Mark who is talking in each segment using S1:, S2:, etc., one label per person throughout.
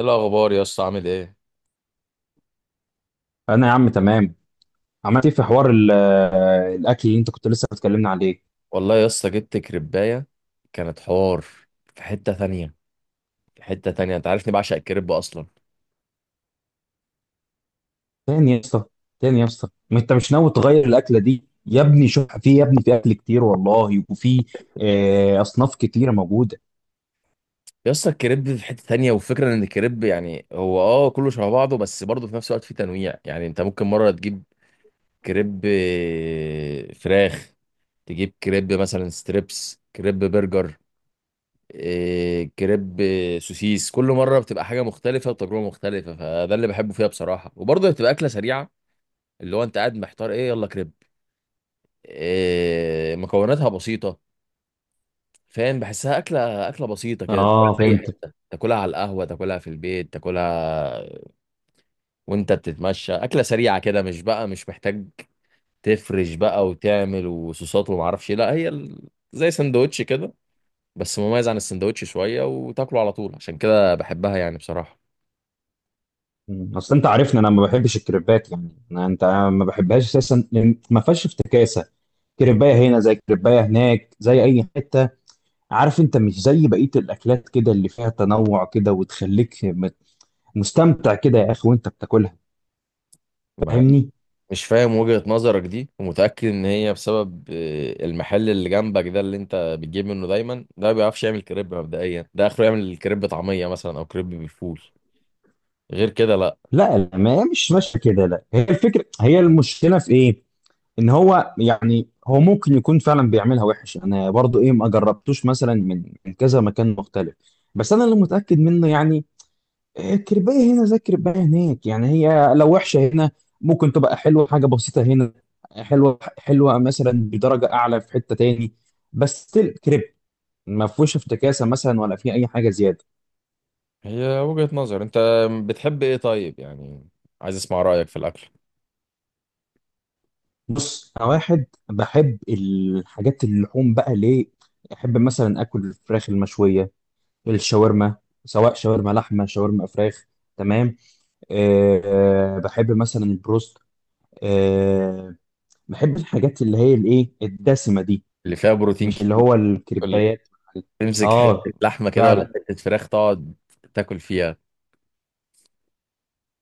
S1: ايه الاخبار يا اسطى؟ عامل ايه؟
S2: انا يا عم تمام. عملت ايه في حوار الاكل اللي انت كنت لسه بتكلمنا عليه؟
S1: والله يا اسطى جبت كريبايه كانت حوار في حته تانية. في حته تانية انت عارفني بعشق الكريب اصلا.
S2: تاني يا اسطى، تاني يا اسطى، ما انت مش ناوي تغير الاكله دي يا ابني؟ شوف في يا ابني، في اكل كتير والله، وفي اصناف كتيره موجوده.
S1: يا اسطى الكريب في حته تانية، والفكره ان الكريب يعني هو كله شبه بعضه، بس برضه في نفس الوقت في تنويع. يعني انت ممكن مره تجيب كريب فراخ، تجيب كريب مثلا ستريبس، كريب برجر، كريب سوسيس. كل مره بتبقى حاجه مختلفه وتجربه مختلفه، فده اللي بحبه فيها بصراحه. وبرضه بتبقى اكله سريعه، اللي هو انت قاعد محتار ايه؟ يلا كريب. مكوناتها بسيطه، فاهم. بحسها اكله بسيطه كده، تاكلها
S2: اه،
S1: في اي
S2: فهمتك.
S1: حته، تاكلها على القهوه، تاكلها في البيت، تاكلها وانت بتتمشى. اكله سريعه كده، مش بقى مش محتاج تفرش بقى وتعمل وصوصات وما اعرفش إيه. لا هي زي سندوتش كده، بس مميز عن السندوتش شويه، وتاكله على طول، عشان كده بحبها يعني بصراحه.
S2: اصل انت عارفني انا ما بحبش الكريبات، يعني انا، انت ما بحبهاش اساسا لأن ما فيهاش افتكاسه. كريبايه هنا زي كريبايه هناك زي اي حته، عارف؟ انت مش زي بقيه الاكلات كده اللي فيها تنوع كده وتخليك مستمتع كده يا اخي وانت بتاكلها، فاهمني؟
S1: مش فاهم وجهة نظرك دي، ومتأكد ان هي بسبب المحل اللي جنبك ده اللي انت بتجيب منه دايما، ده ما بيعرفش يعمل كريب مبدئيا. ده اخره يعمل كريب طعمية مثلا، او كريب بالفول، غير كده لا.
S2: لا لا، ما هي مش ماشيه كده. لا، هي الفكره، هي المشكله في ايه؟ ان هو يعني، هو ممكن يكون فعلا بيعملها وحش، انا برضو ايه، ما جربتوش مثلا من كذا مكان مختلف، بس انا اللي متاكد منه يعني، إيه، كربايه هنا زي كربايه هناك. يعني هي لو وحشه هنا ممكن تبقى حلوه، حاجه بسيطه هنا حلوه، حلوه مثلا بدرجه اعلى في حته تاني، بس still كريب، ما فيهوش افتكاسه مثلا ولا في اي حاجه زياده.
S1: هي وجهة نظر. انت بتحب ايه طيب يعني؟ عايز اسمع رأيك في الاكل
S2: بص انا واحد بحب الحاجات اللحوم بقى، ليه؟ احب مثلا اكل الفراخ المشويه، الشاورما، سواء شاورما لحمه شاورما فراخ، تمام؟ أه. بحب مثلا البروست. أه، بحب الحاجات اللي هي الايه الدسمه دي،
S1: اللي فيها بروتين
S2: مش اللي
S1: كتير،
S2: هو
S1: اللي
S2: الكريبايات.
S1: تمسك حتة
S2: اه،
S1: لحمة كده، ولا
S2: فعلا.
S1: حتة فراخ تقعد تاكل فيها.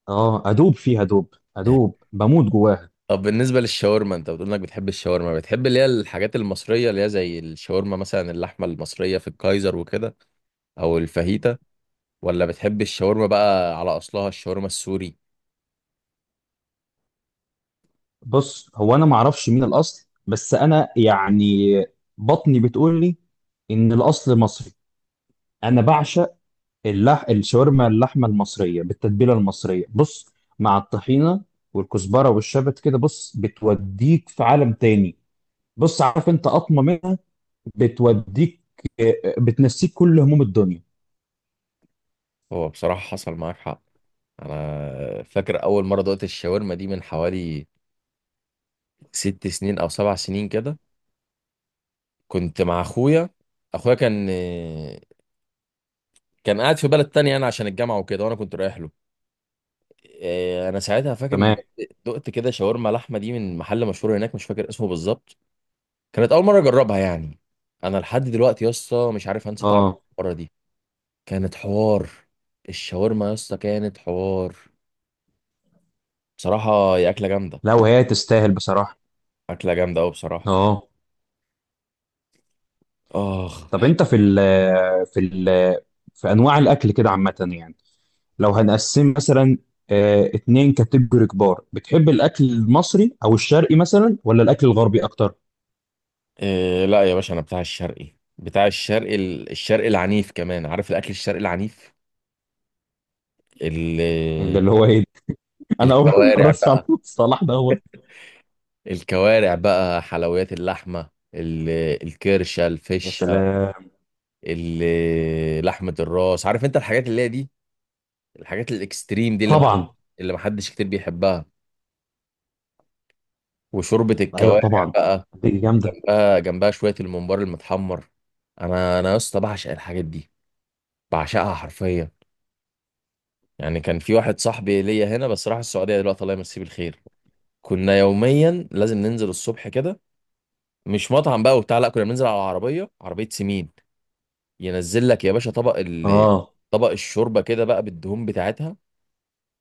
S2: اه، ادوب فيها، ادوب ادوب، بموت جواها.
S1: طب بالنسبة للشاورما، انت بتقول انك بتحب الشاورما. بتحب اللي هي الحاجات المصرية، اللي هي زي الشاورما مثلا، اللحمة المصرية في الكايزر وكده، او الفاهيتا؟ ولا بتحب الشاورما بقى على اصلها، الشاورما السوري؟
S2: بص هو انا ما اعرفش مين الاصل، بس انا يعني بطني بتقول لي ان الاصل مصري. انا بعشق الشاورما اللحمه المصريه بالتتبيله المصريه، بص، مع الطحينه والكزبره والشبت كده، بص بتوديك في عالم تاني. بص، عارف انت قطمه منها بتوديك، بتنسيك كل هموم الدنيا.
S1: هو بصراحة حصل معاك حق. انا فاكر اول مرة دقت الشاورما دي من حوالي 6 سنين او 7 سنين كده. كنت مع اخويا، اخويا كان كان قاعد في بلد تانية انا، عشان الجامعة وكده، وانا كنت رايح له. انا ساعتها فاكر ان
S2: تمام،
S1: دقت كده شاورما لحمة دي من محل مشهور هناك، مش فاكر اسمه بالظبط. كانت اول مرة اجربها يعني. انا لحد دلوقتي يا اسطى مش عارف انسى طعم
S2: اه.
S1: المرة دي. كانت حوار. الشاورما يا اسطى كانت حوار. بصراحة هي أكلة جامدة،
S2: لا وهي تستاهل بصراحه.
S1: أكلة جامدة أوي بصراحة.
S2: اه.
S1: آخ.
S2: طب انت في ال في ال في انواع الاكل كده عامه، يعني لو هنقسم مثلا اتنين كاتيجوري كبار، بتحب الاكل المصري او الشرقي مثلا ولا الاكل الغربي اكتر؟
S1: إيه لا يا باشا، أنا بتاع الشرقي، بتاع الشرقي، الشرقي العنيف كمان. عارف الأكل الشرقي العنيف؟ ال-
S2: ده اللي هو ايه ده؟ انا اول
S1: الكوارع
S2: مره اسمع عن
S1: بقى،
S2: المصطلح ده، هو.
S1: حلويات اللحمة، الكرشة،
S2: يا
S1: الفشة،
S2: سلام.
S1: لحمة الراس. عارف أنت الحاجات اللي هي دي، الحاجات الإكستريم دي،
S2: طبعا.
S1: اللي محدش كتير بيحبها، وشوربة
S2: ايوه
S1: الكوارع
S2: طبعا،
S1: بقى،
S2: دي جامده.
S1: آه جنبها شويه الممبار المتحمر. انا يا اسطى بعشق الحاجات دي، بعشقها حرفيا. يعني كان في واحد صاحبي ليا هنا بس راح السعوديه دلوقتي، الله يمسيه بالخير، كنا يوميا لازم ننزل الصبح كده. مش مطعم بقى وبتاع، لا، كنا بننزل على عربيه، عربيه سمين. ينزل لك يا باشا
S2: اه،
S1: طبق الشوربه كده بقى بالدهون بتاعتها،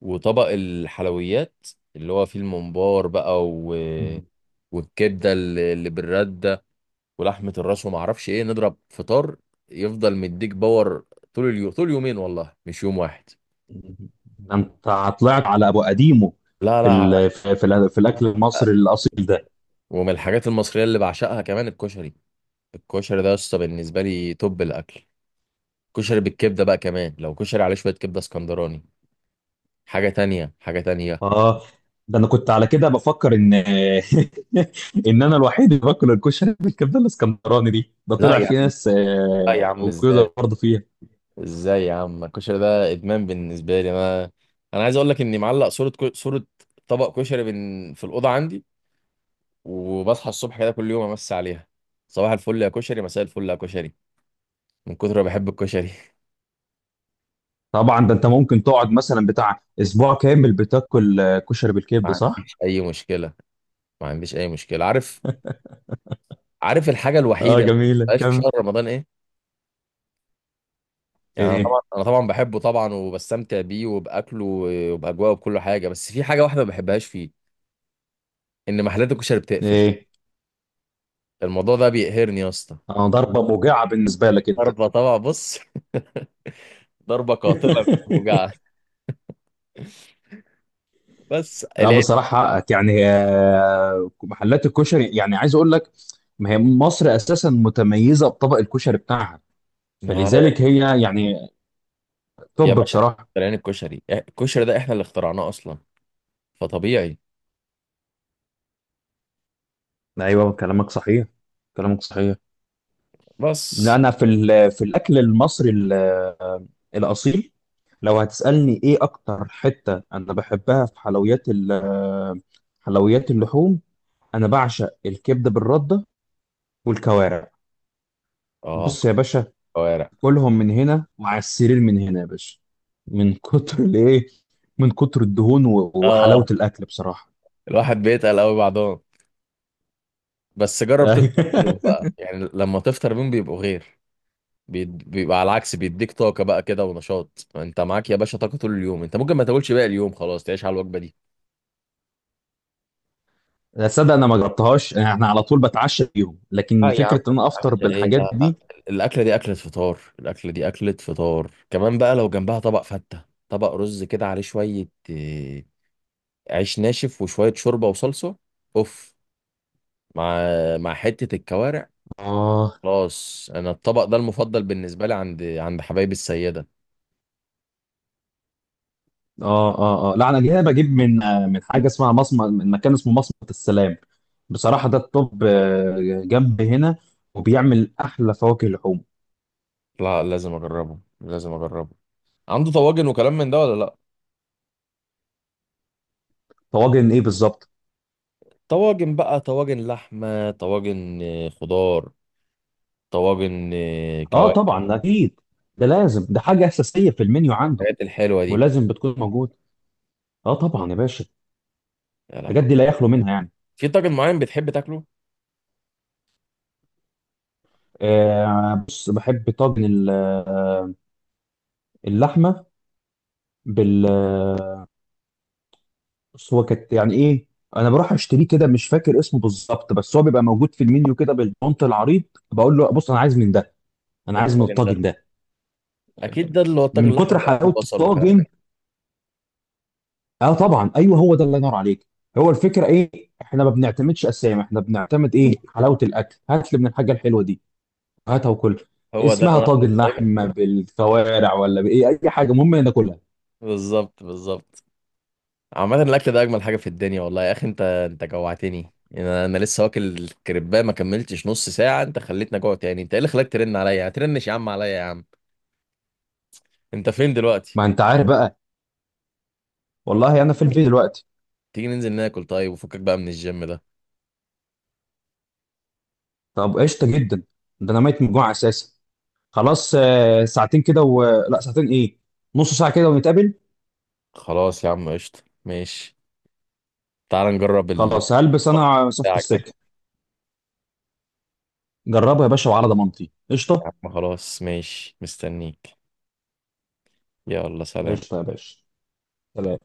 S1: وطبق الحلويات اللي هو فيه الممبار بقى و... والكبده اللي بالرده، ولحمه الراس، وما اعرفش ايه. نضرب فطار يفضل مديك باور طول اليوم، طول يومين، والله مش يوم واحد.
S2: ده انت طلعت على ابو قديمه
S1: لا
S2: في
S1: لا.
S2: في الاكل
S1: على
S2: المصري الاصيل ده.
S1: ومن الحاجات المصريه اللي بعشقها كمان الكشري. الكشري ده يا اسطى بالنسبه لي توب الاكل. كشري بالكبده بقى، كمان لو كشري عليه شويه كبده اسكندراني، حاجه تانية، حاجه تانية.
S2: اه، ده انا كنت على كده بفكر ان انا الوحيد اللي باكل الكشري بالكبده الاسكندراني دي، ده
S1: لا
S2: طلع
S1: يا
S2: في
S1: عم،
S2: ناس
S1: لا يا عم ازاي،
S2: موجوده برضه فيها.
S1: ازاي يا عم؟ الكشري ده ادمان بالنسبه لي انا. انا عايز اقول لك اني معلق صوره صوره طبق كشري في الاوضه عندي، وبصحى الصبح كده كل يوم امسي عليها: صباح الفل يا كشري، مساء الفل يا كشري، من كتر ما بحب الكشري
S2: طبعا، ده انت ممكن تقعد مثلا بتاع اسبوع كامل بتاكل كشري
S1: ما
S2: بالكبده، صح؟
S1: عنديش اي مشكله، ما عنديش اي مشكله. عارف، عارف الحاجه
S2: اه،
S1: الوحيده اللي ما
S2: جميله،
S1: بتبقاش في
S2: كمل.
S1: شهر رمضان ايه؟ يعني انا
S2: ايه.
S1: طبعا، انا طبعا بحبه طبعا وبستمتع بيه وباكله وباجواءه وبكل حاجه، بس في حاجه واحده ما بحبهاش فيه، ان محلات الكشري بتقفل.
S2: ايه.
S1: الموضوع ده بيقهرني يا اسطى.
S2: انا، ضربه موجعه بالنسبه لك انت.
S1: ضربه طبعا، بص ضربه قاتله، وجع. بس
S2: لا
S1: العيب
S2: بصراحه حقك، يعني محلات الكشري يعني، عايز اقول لك، ما هي مصر اساسا متميزه بطبق الكشري بتاعها،
S1: ما-
S2: فلذلك هي يعني
S1: يا
S2: توب
S1: باشا،
S2: بصراحه.
S1: اخترعين الكشري، الكشري ده احنا اللي اخترعناه اصلا، فطبيعي.
S2: ايوه كلامك صحيح، كلامك صحيح. لا
S1: بس
S2: انا في الاكل المصري الاصيل، لو هتسالني ايه اكتر حته انا بحبها في حلويات حلويات اللحوم، انا بعشق الكبده بالرده والكوارع.
S1: اه
S2: بص يا باشا،
S1: كوارع،
S2: كلهم من هنا وعلى السرير، من هنا يا باشا، من كتر الايه، من كتر الدهون
S1: اه
S2: وحلاوه الاكل بصراحه.
S1: الواحد بيتقل قوي بعضهم، بس جرب تفطر بيهم بقى يعني، لما تفطر بيهم بيبقوا غير. بيبقى على العكس، بيديك طاقة بقى كده ونشاط، انت معاك يا باشا طاقة طول اليوم، انت ممكن ما تاكلش باقي اليوم خلاص، تعيش على الوجبة دي.
S2: لا صدق، انا ما جربتهاش، احنا على طول بتعشى بيهم، لكن
S1: اه يا عم،
S2: فكره ان انا افطر
S1: ايه
S2: بالحاجات
S1: لا،
S2: دي.
S1: الاكله دي اكله فطار، الاكله دي اكله فطار كمان بقى. لو جنبها طبق فته، طبق رز كده عليه شويه عيش ناشف وشويه شوربه وصلصه، اوف، مع مع حته الكوارع،
S2: اه
S1: خلاص. انا الطبق ده المفضل بالنسبه لي عند حبايبي السيده.
S2: اه اه، اه لا، انا جاي بجيب من من حاجه اسمها مصمت، من مكان اسمه مصمت السلام بصراحه. ده الطب آه، جنب هنا وبيعمل احلى فواكه لحوم.
S1: لا لازم اجربه، لازم اجربه. عنده طواجن وكلام من ده ولا لا؟
S2: طواجن ايه بالظبط؟
S1: طواجن بقى، طواجن لحمه، طواجن خضار، طواجن
S2: اه
S1: كوارع،
S2: طبعا، اكيد ده لازم، ده حاجه اساسيه في المنيو عنده،
S1: الحاجات الحلوه دي.
S2: ولازم بتكون موجوده. اه طبعا يا باشا،
S1: يا
S2: الحاجات
S1: لهوي.
S2: دي لا يخلو منها يعني.
S1: في طاجن معين بتحب تاكله؟
S2: آه بص، بحب طاجن اللحمه بال آه، بص هو كانت يعني ايه، انا بروح اشتريه كده، مش فاكر اسمه بالظبط، بس هو بيبقى موجود في المنيو كده بالبونت العريض، بقول له بص انا عايز من ده، انا عايز من
S1: الطاجن ده
S2: الطاجن ده،
S1: اكيد ده اللي هو الطاجن
S2: من
S1: الاحمر
S2: كتر
S1: بقى، فيه
S2: حلاوه
S1: بصل وكلام من
S2: الطاجن.
S1: ده.
S2: اه طبعا، ايوه هو ده، الله ينور عليك. هو الفكره ايه، احنا ما بنعتمدش اسامي، احنا بنعتمد ايه، حلاوه الاكل، هات لي من الحاجه الحلوه دي، هاتها وكل،
S1: هو ده اللي
S2: اسمها
S1: انا
S2: طاجن
S1: باكله دايما.
S2: اللحمه بالكوارع ولا بايه اي حاجه، المهم ناكلها.
S1: بالظبط، بالظبط. عامة الأكل ده أجمل حاجة في الدنيا والله، يا أخي أنت، جوعتني. أنا لسه واكل الكريباه ما كملتش نص ساعة، أنت خليتني أجوع تاني. أنت إيه اللي خلاك ترن عليا؟ هترنش يا عم عليا يا عم. أنت فين دلوقتي؟
S2: ما انت عارف بقى، والله انا في البيت دلوقتي.
S1: تيجي ننزل ناكل طيب، وفكك بقى من الجيم ده.
S2: طب قشطه جدا، ده انا ميت من الجوع اساسا، خلاص ساعتين كده و... لا ساعتين ايه، نص ساعه كده ونتقابل.
S1: خلاص يا عم قشطة، ماشي. تعال نجرب ال
S2: خلاص هلبس، انا صفت
S1: بتاعك ده.
S2: السكه. جربها يا باشا وعلى ضمانتي قشطه.
S1: يا عم خلاص، ماشي، مستنيك. يلا سلام.
S2: قشطه يا باشا، سلام.